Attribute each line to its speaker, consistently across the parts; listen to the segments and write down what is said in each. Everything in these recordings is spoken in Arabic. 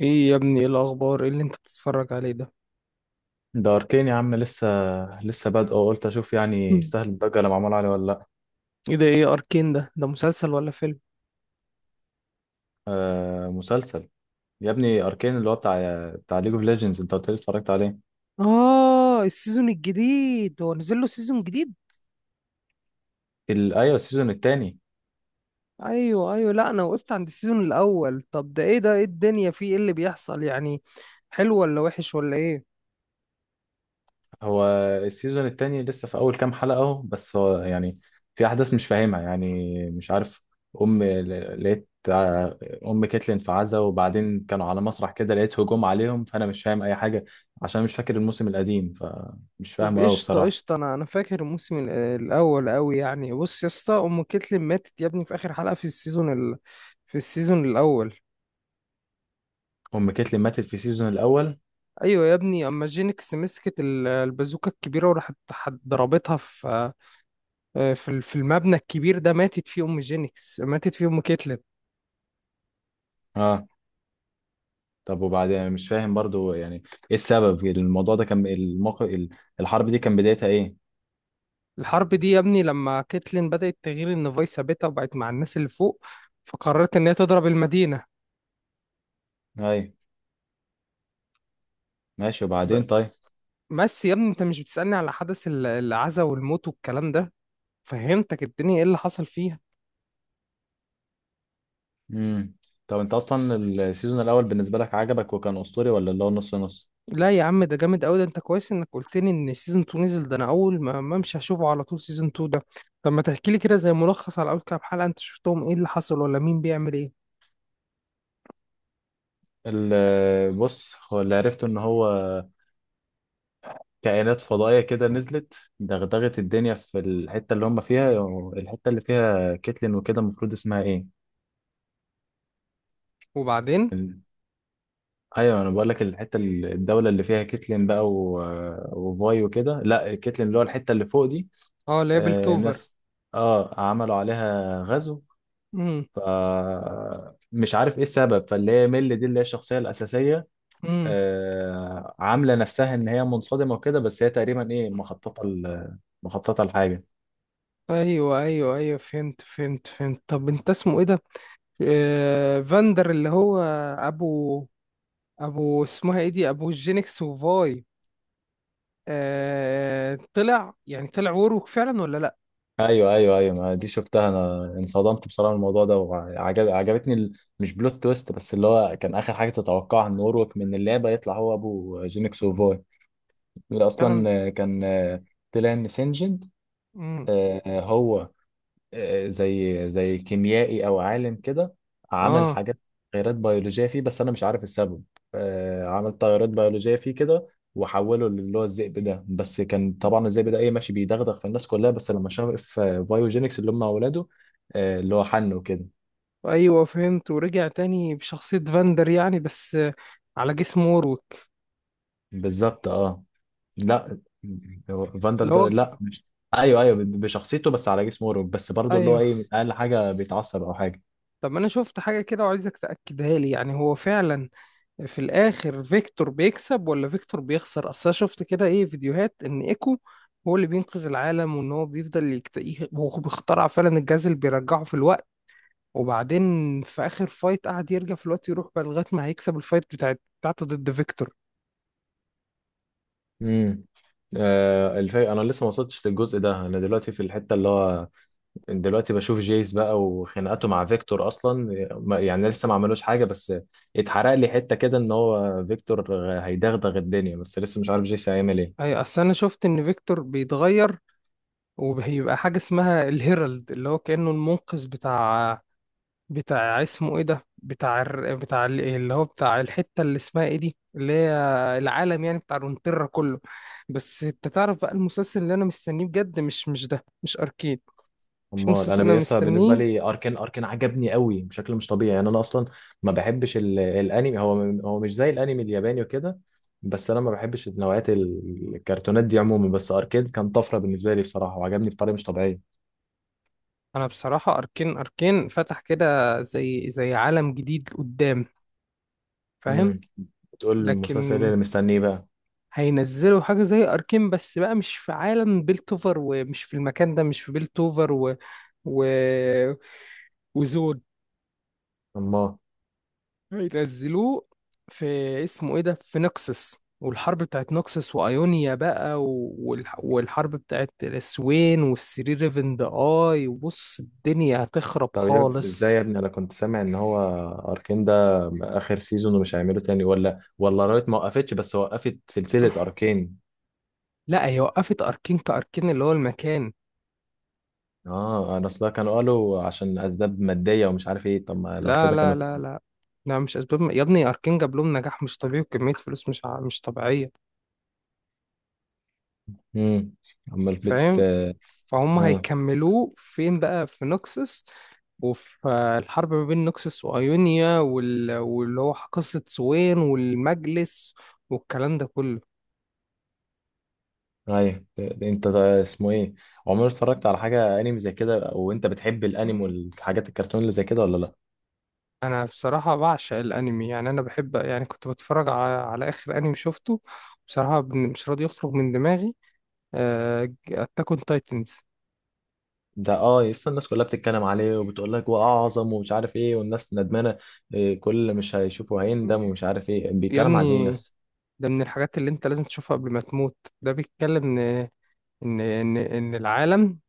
Speaker 1: ايه يا ابني؟ ايه الاخبار؟ ايه اللي انت بتتفرج عليه ده؟
Speaker 2: ده اركين يا عم، لسه بادئه، قلت اشوف يعني
Speaker 1: مم.
Speaker 2: يستاهل الضجه اللي معمول عليه ولا لا.
Speaker 1: ايه ده؟ ايه اركين ده؟ ده مسلسل ولا فيلم؟
Speaker 2: آه مسلسل. يا ابني اركين اللي هو بتاع ليج اوف ليجندز انت قلت لي اتفرجت عليه.
Speaker 1: آه، السيزون الجديد، هو نزل له سيزون جديد؟
Speaker 2: ايوه السيزون التاني.
Speaker 1: أيوه أيوه. لا، أنا وقفت عند السيزون الأول. طب ده إيه؟ ده إيه الدنيا فيه؟ إيه اللي بيحصل يعني؟ حلو ولا وحش ولا إيه؟
Speaker 2: هو السيزون التاني لسه في اول كام حلقه اهو، بس هو يعني في احداث مش فاهمها يعني، مش عارف. ام ل- لقيت آه، ام كيتلين في عزا، وبعدين كانوا على مسرح كده لقيت هجوم عليهم، فانا مش فاهم اي حاجه عشان مش فاكر الموسم القديم، فمش
Speaker 1: طب
Speaker 2: فاهمه قوي
Speaker 1: قشطة
Speaker 2: بصراحه.
Speaker 1: قشطة، أنا فاكر الموسم الأول أوي. يعني بص يا اسطى، أم كتلم ماتت يا ابني في آخر حلقة في السيزون في السيزون الأول.
Speaker 2: ام كيتلين ماتت في السيزون الاول.
Speaker 1: أيوه يا ابني، أما جينكس مسكت البازوكة الكبيرة وراحت ضربتها في في في المبنى الكبير ده، ماتت فيه ام جينكس، ماتت فيه ام كيتلين.
Speaker 2: اه، طب وبعدين مش فاهم برضو، يعني ايه السبب؟ الموضوع ده كان الموقف، الحرب دي كان بدايتها ايه؟
Speaker 1: الحرب دي يا ابني لما كيتلين بدأت تغير ان فايس ثابتة وبقت مع الناس اللي فوق، فقررت ان هي تضرب المدينة.
Speaker 2: ايوه، ماشي،
Speaker 1: ب-
Speaker 2: وبعدين؟ طيب.
Speaker 1: بس يا ابني، انت مش بتسألني على حدث العزا والموت والكلام ده؟ فهمتك الدنيا ايه اللي حصل فيها.
Speaker 2: امم. طب انت اصلا السيزون الاول بالنسبه لك عجبك وكان اسطوري، ولا اللي هو نص نص؟
Speaker 1: لا يا عم، ده جامد قوي. ده انت كويس انك قلت لي ان سيزون 2 نزل. ده انا اول ما امشي هشوفه على طول سيزون 2 ده. طب ما تحكي لي كده زي ملخص على اول كام حلقة انت شفتهم، ايه اللي حصل ولا مين بيعمل ايه؟
Speaker 2: بص، هو اللي عرفته ان هو كائنات فضائيه كده نزلت دغدغت الدنيا في الحته اللي هم فيها. الحته اللي فيها كيتلين وكده المفروض اسمها ايه؟
Speaker 1: وبعدين؟
Speaker 2: ايوه انا بقول لك، الحته الدوله اللي فيها كيتلين بقى، وفاي وكده. لا، كيتلين اللي هو الحته اللي فوق دي.
Speaker 1: اه، ليبل
Speaker 2: آه
Speaker 1: توفر.
Speaker 2: ناس، اه عملوا عليها غزو. ف مش عارف ايه السبب، فاللي هي ميل دي اللي هي الشخصيه الاساسيه
Speaker 1: امم.
Speaker 2: آه عامله نفسها ان هي منصدمه وكده، بس هي تقريبا ايه مخططه لحاجه.
Speaker 1: ايوه ايوه ايوه، فهمت فهمت فهمت. طب انت اسمه ايه ده؟ آه، فاندر اللي هو ابو ابو اسمها ايه دي، ابو جينكس وفاي؟ آه، طلع يعني طلع وروك فعلا ولا لا؟
Speaker 2: ايوه ايوه ايوه، ما دي شفتها، انا انصدمت بصراحه من الموضوع ده، وعجب عجبتني مش بلوت تويست، بس اللي هو كان اخر حاجه تتوقعها ان اوروك من اللعبه يطلع هو ابو جينكس وفوي، اللي
Speaker 1: فعلا.
Speaker 2: اصلا كان طلع ان سينجنت.
Speaker 1: امم.
Speaker 2: هو زي زي كيميائي او عالم كده، عمل
Speaker 1: اه.
Speaker 2: حاجات، تغيرات بيولوجيه فيه، بس انا مش عارف السبب. عمل تغيرات بيولوجيه فيه كده وحوله اللي هو الذئب ده، بس كان طبعا الذئب ده ايه ماشي بيدغدغ في الناس كلها، بس لما شاف في بايوجينكس اللي هم اولاده، اللي هو حنه كده.
Speaker 1: ايوه، فهمت. ورجع تاني بشخصية فاندر يعني، بس آه، على جسم ووروك.
Speaker 2: بالظبط، اه. لا، هو فاندر
Speaker 1: اللي
Speaker 2: ده
Speaker 1: هو
Speaker 2: لا مش، ايوه ايوه بشخصيته بس على جسم اوروب، بس برضه اللي هو
Speaker 1: ايوه.
Speaker 2: ايه اقل حاجه بيتعصب او حاجه.
Speaker 1: طب انا شفت حاجة كده وعايزك تأكدها لي، يعني هو فعلا في الاخر فيكتور بيكسب ولا فيكتور بيخسر؟ اصل انا شفت كده ايه فيديوهات ان ايكو هو اللي بينقذ العالم، وان هو بيفضل يكتئب، هو بيخترع فعلا الجهاز اللي بيرجعه في الوقت، وبعدين في اخر فايت قعد يرجع في الوقت يروح بقى لغايه ما هيكسب الفايت بتاعته ضد فيكتور.
Speaker 2: امم. انا لسه ما وصلتش للجزء ده، انا دلوقتي في الحته اللي هو، دلوقتي بشوف جيس بقى وخناقاته مع فيكتور اصلا. يعني لسه ما عملوش حاجه، بس اتحرق لي حته كده ان هو فيكتور هيدغدغ الدنيا، بس لسه مش عارف جيس هيعمل ايه.
Speaker 1: اي، اصل انا شفت ان فيكتور بيتغير وبيبقى حاجه اسمها الهيرالد، اللي هو كانه المنقذ بتاع اسمه ايه ده، بتاع بتاع اللي هو بتاع الحته اللي اسمها ايه دي، اللي هي العالم يعني، بتاع رونتيرا كله. بس انت تعرف بقى المسلسل اللي انا مستنيه بجد؟ مش ده، مش اركين. في
Speaker 2: امال
Speaker 1: مسلسل انا
Speaker 2: انا لسه، بالنسبه
Speaker 1: مستنيه.
Speaker 2: لي اركان عجبني قوي بشكل مش طبيعي، يعني انا اصلا ما بحبش الانمي، هو هو مش زي الانمي الياباني وكده، بس انا ما بحبش نوعيات الكرتونات دي عموما، بس اركان كان طفره بالنسبه لي بصراحه، وعجبني بطريقه مش طبيعيه.
Speaker 1: انا بصراحه اركين، اركين فتح كده زي عالم جديد قدام. فاهم؟
Speaker 2: تقول المسلسل إيه
Speaker 1: لكن
Speaker 2: اللي مستنيه بقى؟
Speaker 1: هينزلوا حاجه زي اركين بس بقى، مش في عالم بيلتوفر، ومش في المكان ده، مش في بيلتوفر، و... وزود.
Speaker 2: الله.
Speaker 1: هينزلوه في اسمه ايه ده، في نكسس، والحرب بتاعت نكسس وايونيا بقى، والحرب بتاعت الاسوين، والسري ريفن ذا اي، وبص الدنيا هتخرب
Speaker 2: طب يا ابني ازاي؟
Speaker 1: خالص.
Speaker 2: يا ابني انا كنت سامع ان هو اركين ده اخر سيزون ومش هيعمله تاني، ولا ولا رايت ما وقفتش بس وقفت سلسلة اركين.
Speaker 1: لا، هي وقفت اركين كاركين اللي هو المكان.
Speaker 2: اه، انا اصلا كانوا قالوا عشان اسباب مادية ومش عارف ايه، طب ما لو
Speaker 1: لا
Speaker 2: كده
Speaker 1: لا
Speaker 2: كانوا.
Speaker 1: لا لا لا مش اسباب يا ابني. اركين جاب لهم نجاح مش طبيعي وكمية فلوس مش طبيعية.
Speaker 2: امم. امال
Speaker 1: فاهم؟ فهم.
Speaker 2: اه.
Speaker 1: هيكملوه فين بقى؟ في نوكسس، وفي آه، الحرب ما بين نوكسس وأيونيا، واللي هو قصة سوين والمجلس والكلام ده كله.
Speaker 2: ايوه، انت ده اسمه ايه؟ عمرك اتفرجت على حاجة انمي زي كده وانت بتحب الانمي والحاجات الكرتون اللي زي كده ولا لا؟
Speaker 1: انا بصراحة بعشق الانمي. يعني انا بحب، يعني كنت بتفرج على، على اخر انمي شفته بصراحة مش راضي يخرج من دماغي، اتاك اون تايتنز.
Speaker 2: ده اه، لسه الناس كلها بتتكلم عليه وبتقول لك واعظم ومش عارف ايه، والناس ندمانه إيه، كل اللي مش هيشوفه هيندم ومش عارف ايه.
Speaker 1: يا
Speaker 2: بيتكلم عن ايه
Speaker 1: ابني،
Speaker 2: بس؟
Speaker 1: ده من الحاجات اللي انت لازم تشوفها قبل ما تموت. ده بيتكلم ان إن العالم،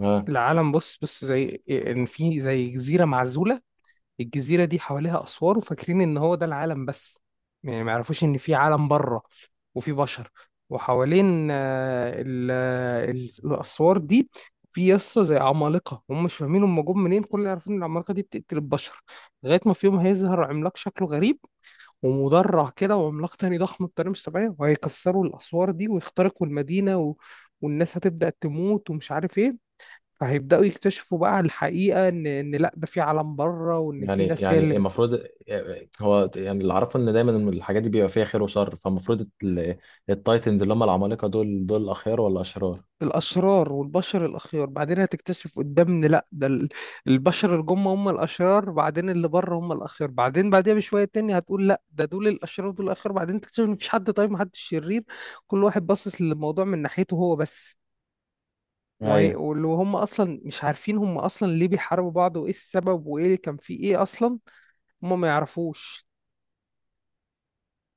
Speaker 2: اه،
Speaker 1: العالم بص، بص زي ان في زي جزيره معزوله. الجزيره دي حواليها اسوار، وفاكرين ان هو ده العالم بس. يعني ما يعرفوش ان في عالم بره، وفي بشر، وحوالين آه، آه، الاسوار دي في يسطا زي عمالقه. هم مش فاهمين هم جم منين، كل اللي عارفين ان العمالقه دي بتقتل البشر. لغايه ما في يوم هيظهر عملاق شكله غريب ومدرع كده، وعملاق تاني ضخم بطريقه مش طبيعيه، وهيكسروا الاسوار دي ويخترقوا المدينه، والناس هتبدأ تموت ومش عارف ايه. فهيبدأوا يكتشفوا بقى الحقيقة، إن لأ، ده في عالم بره، وإن في
Speaker 2: يعني
Speaker 1: ناس هي اللي
Speaker 2: يعني المفروض هو يعني اللي اعرفه ان دايما الحاجات دي بيبقى فيها خير وشر، فالمفروض التايتنز اللي هم العمالقه دول، دول اخيار ولا اشرار؟
Speaker 1: الأشرار، والبشر الأخيار. بعدين هتكتشف قدام إن لأ، ده البشر اللي جم هم الأشرار، بعدين اللي بره هم الأخيار، بعدين بعديها بشوية تاني هتقول لأ، ده دول الأشرار ودول الأخيار، بعدين تكتشف إن مفيش حد طيب محدش شرير. كل واحد باصص للموضوع من ناحيته هو بس.
Speaker 2: ايوه
Speaker 1: واللي هم أصلا مش عارفين هم أصلا ليه بيحاربوا بعض، وإيه السبب، وإيه اللي كان فيه إيه أصلا. هم ما يعرفوش.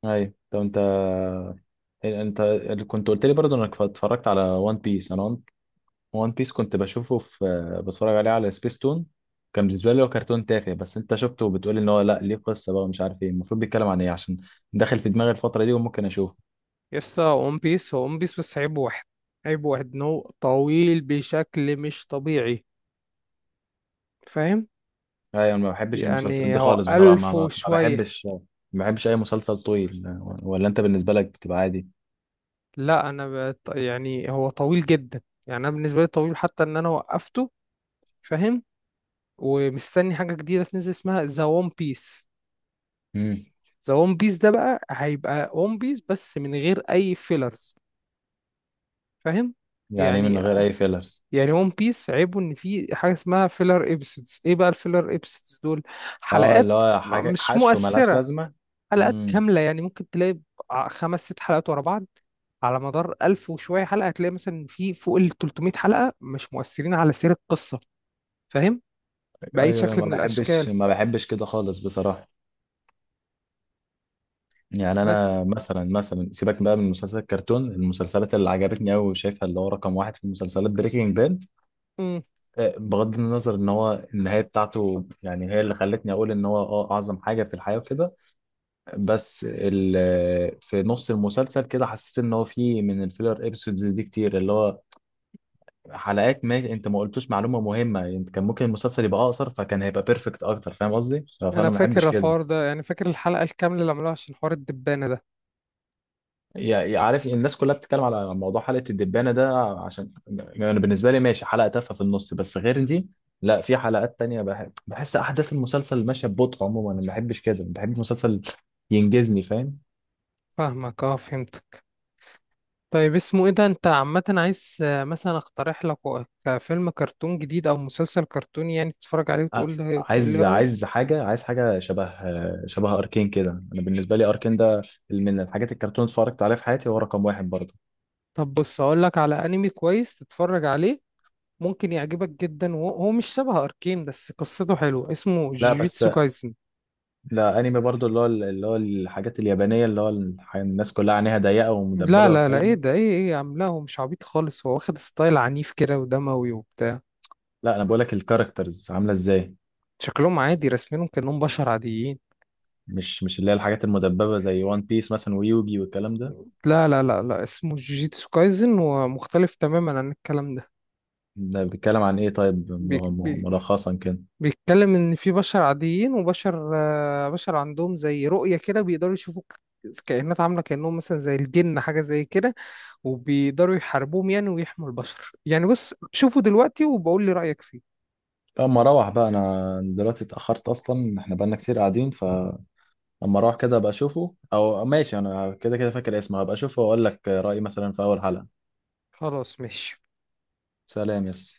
Speaker 2: ايوه. طب انت إيه، انت كنت قلت لي برضه انك اتفرجت على وان بيس. انا وان بيس كنت بشوفه في، بتفرج عليه على سبيستون، كان بالنسبه لي هو كرتون تافه، بس انت شفته وبتقول ان هو لا ليه قصه بقى ومش عارف ايه. المفروض بيتكلم عن ايه؟ عشان داخل في دماغي الفتره دي وممكن اشوفه.
Speaker 1: يسطا، ون بيس هو ون بيس، بس عيبه واحد. عيبه واحد انه طويل بشكل مش طبيعي. فاهم؟
Speaker 2: ايوه، انا ما بحبش المسلسلات
Speaker 1: يعني
Speaker 2: دي
Speaker 1: هو
Speaker 2: خالص بصراحه،
Speaker 1: ألف
Speaker 2: ما
Speaker 1: وشوية.
Speaker 2: بحبش. ما بحبش اي مسلسل طويل، ولا انت بالنسبه لك بتبقى عادي؟
Speaker 1: لا، يعني هو طويل جدا، يعني أنا بالنسبة لي طويل حتى إن أنا وقفته. فاهم؟ ومستني حاجة جديدة تنزل اسمها ذا ون بيس.
Speaker 2: امم.
Speaker 1: ذا ون بيس ده بقى هيبقى ون بيس بس من غير أي فيلرز. فاهم؟
Speaker 2: يعني إيه من
Speaker 1: يعني،
Speaker 2: غير اي فيلرز؟
Speaker 1: يعني ون بيس عيبه ان في حاجه اسمها فيلر ابيسودز. ايه بقى الفيلر ابيسودز دول؟
Speaker 2: اه، اللي
Speaker 1: حلقات
Speaker 2: هو حاجه
Speaker 1: مش
Speaker 2: حشو ملهاش
Speaker 1: مؤثره،
Speaker 2: لازمه.
Speaker 1: حلقات
Speaker 2: امم.
Speaker 1: كامله. يعني ممكن تلاقي خمس ست حلقات ورا بعض، على مدار ألف وشويه حلقه هتلاقي مثلا في فوق ال 300 حلقه مش مؤثرين على سير القصه. فاهم؟ باي
Speaker 2: ايوه،
Speaker 1: شكل
Speaker 2: ما
Speaker 1: من الاشكال.
Speaker 2: بحبش، ما بحبش كده خالص بصراحه. يعني
Speaker 1: بس.
Speaker 2: انا مثلا سيبك بقى من مسلسل الكرتون، المسلسلات اللي عجبتني قوي وشايفها اللي هو رقم واحد في المسلسلات، بريكنج باد،
Speaker 1: امم.
Speaker 2: بغض النظر ان هو النهايه بتاعته يعني هي اللي خلتني اقول ان هو اه اعظم حاجه في الحياه وكده، بس في نص المسلسل كده حسيت ان هو في من الفيلر ابيسودز دي كتير، اللي هو حلقات ما انت ما قلتوش معلومه مهمه، انت كان ممكن المسلسل يبقى اقصر، فكان هيبقى بيرفكت اكتر. فاهم قصدي؟
Speaker 1: انا
Speaker 2: فانا ما بحبش
Speaker 1: فاكر
Speaker 2: كده.
Speaker 1: الحوار ده، يعني فاكر الحلقه الكامله اللي عملوها عشان حوار الدبانه ده.
Speaker 2: عارف الناس كلها بتتكلم على موضوع حلقة الدبانة ده، عشان يعني بالنسبة لي ماشي حلقة تافهة في النص، بس غير دي لا، في حلقات تانية بحس أحداث المسلسل ماشية ببطء. عموما أنا ما بحبش كده، بحب مسلسل ينجزني، فاهم؟
Speaker 1: فاهمك، اه، فهمت. طيب اسمه ايه ده، انت عامة عايز آه، مثلا اقترح لك كفيلم كرتون جديد او مسلسل كرتوني يعني تتفرج عليه
Speaker 2: أ-
Speaker 1: وتقول لي، تقول لي
Speaker 2: عايز،
Speaker 1: رأيك؟
Speaker 2: عايز حاجة شبه، شبه أركين كده. أنا بالنسبة لي أركين ده من الحاجات الكرتون اتفرجت عليها في حياتي، هو رقم واحد برضه.
Speaker 1: طب بص، اقول لك على انمي كويس تتفرج عليه، ممكن يعجبك جدا، وهو مش شبه اركين بس قصته حلوة، اسمه
Speaker 2: لا بس،
Speaker 1: جيجيتسو كايسن.
Speaker 2: لا أنمي برضه اللي هو، اللي هو الحاجات اليابانية اللي هو الناس كلها عينيها ضيقة
Speaker 1: لا
Speaker 2: ومدببة
Speaker 1: لا لا
Speaker 2: والكلام
Speaker 1: ايه
Speaker 2: ده.
Speaker 1: ده؟ ايه ايه يا عم، لا، هو مش عبيط خالص، هو واخد ستايل عنيف كده ودموي وبتاع.
Speaker 2: لا، انا بقولك الكاركترز عامله ازاي،
Speaker 1: شكلهم عادي رسمينهم كأنهم بشر عاديين.
Speaker 2: مش اللي هي الحاجات المدببه زي وان بيس مثلا، ويوجي والكلام ده.
Speaker 1: لا، اسمه جوجيتسو كايزن، ومختلف تماما عن الكلام ده.
Speaker 2: ده بيتكلم عن ايه طيب؟
Speaker 1: بي بي
Speaker 2: ملخصا كده.
Speaker 1: بيتكلم ان في بشر عاديين، وبشر آه، بشر عندهم زي رؤية كده، بيقدروا يشوفوا كائنات عاملة كأنهم مثلا زي الجن، حاجة زي كده، وبيقدروا يحاربوهم يعني، ويحموا البشر يعني. بص شوفوا دلوقتي وبقول لي رأيك فيه.
Speaker 2: لما اروح بقى، انا دلوقتي اتاخرت اصلا، احنا بقالنا كتير قاعدين، فلما اروح كده ابقى اشوفه، او ماشي انا كده كده فاكر اسمه، هبقى اشوفه واقول لك رايي مثلا في اول حلقه.
Speaker 1: خلاص ماشي.
Speaker 2: سلام يس.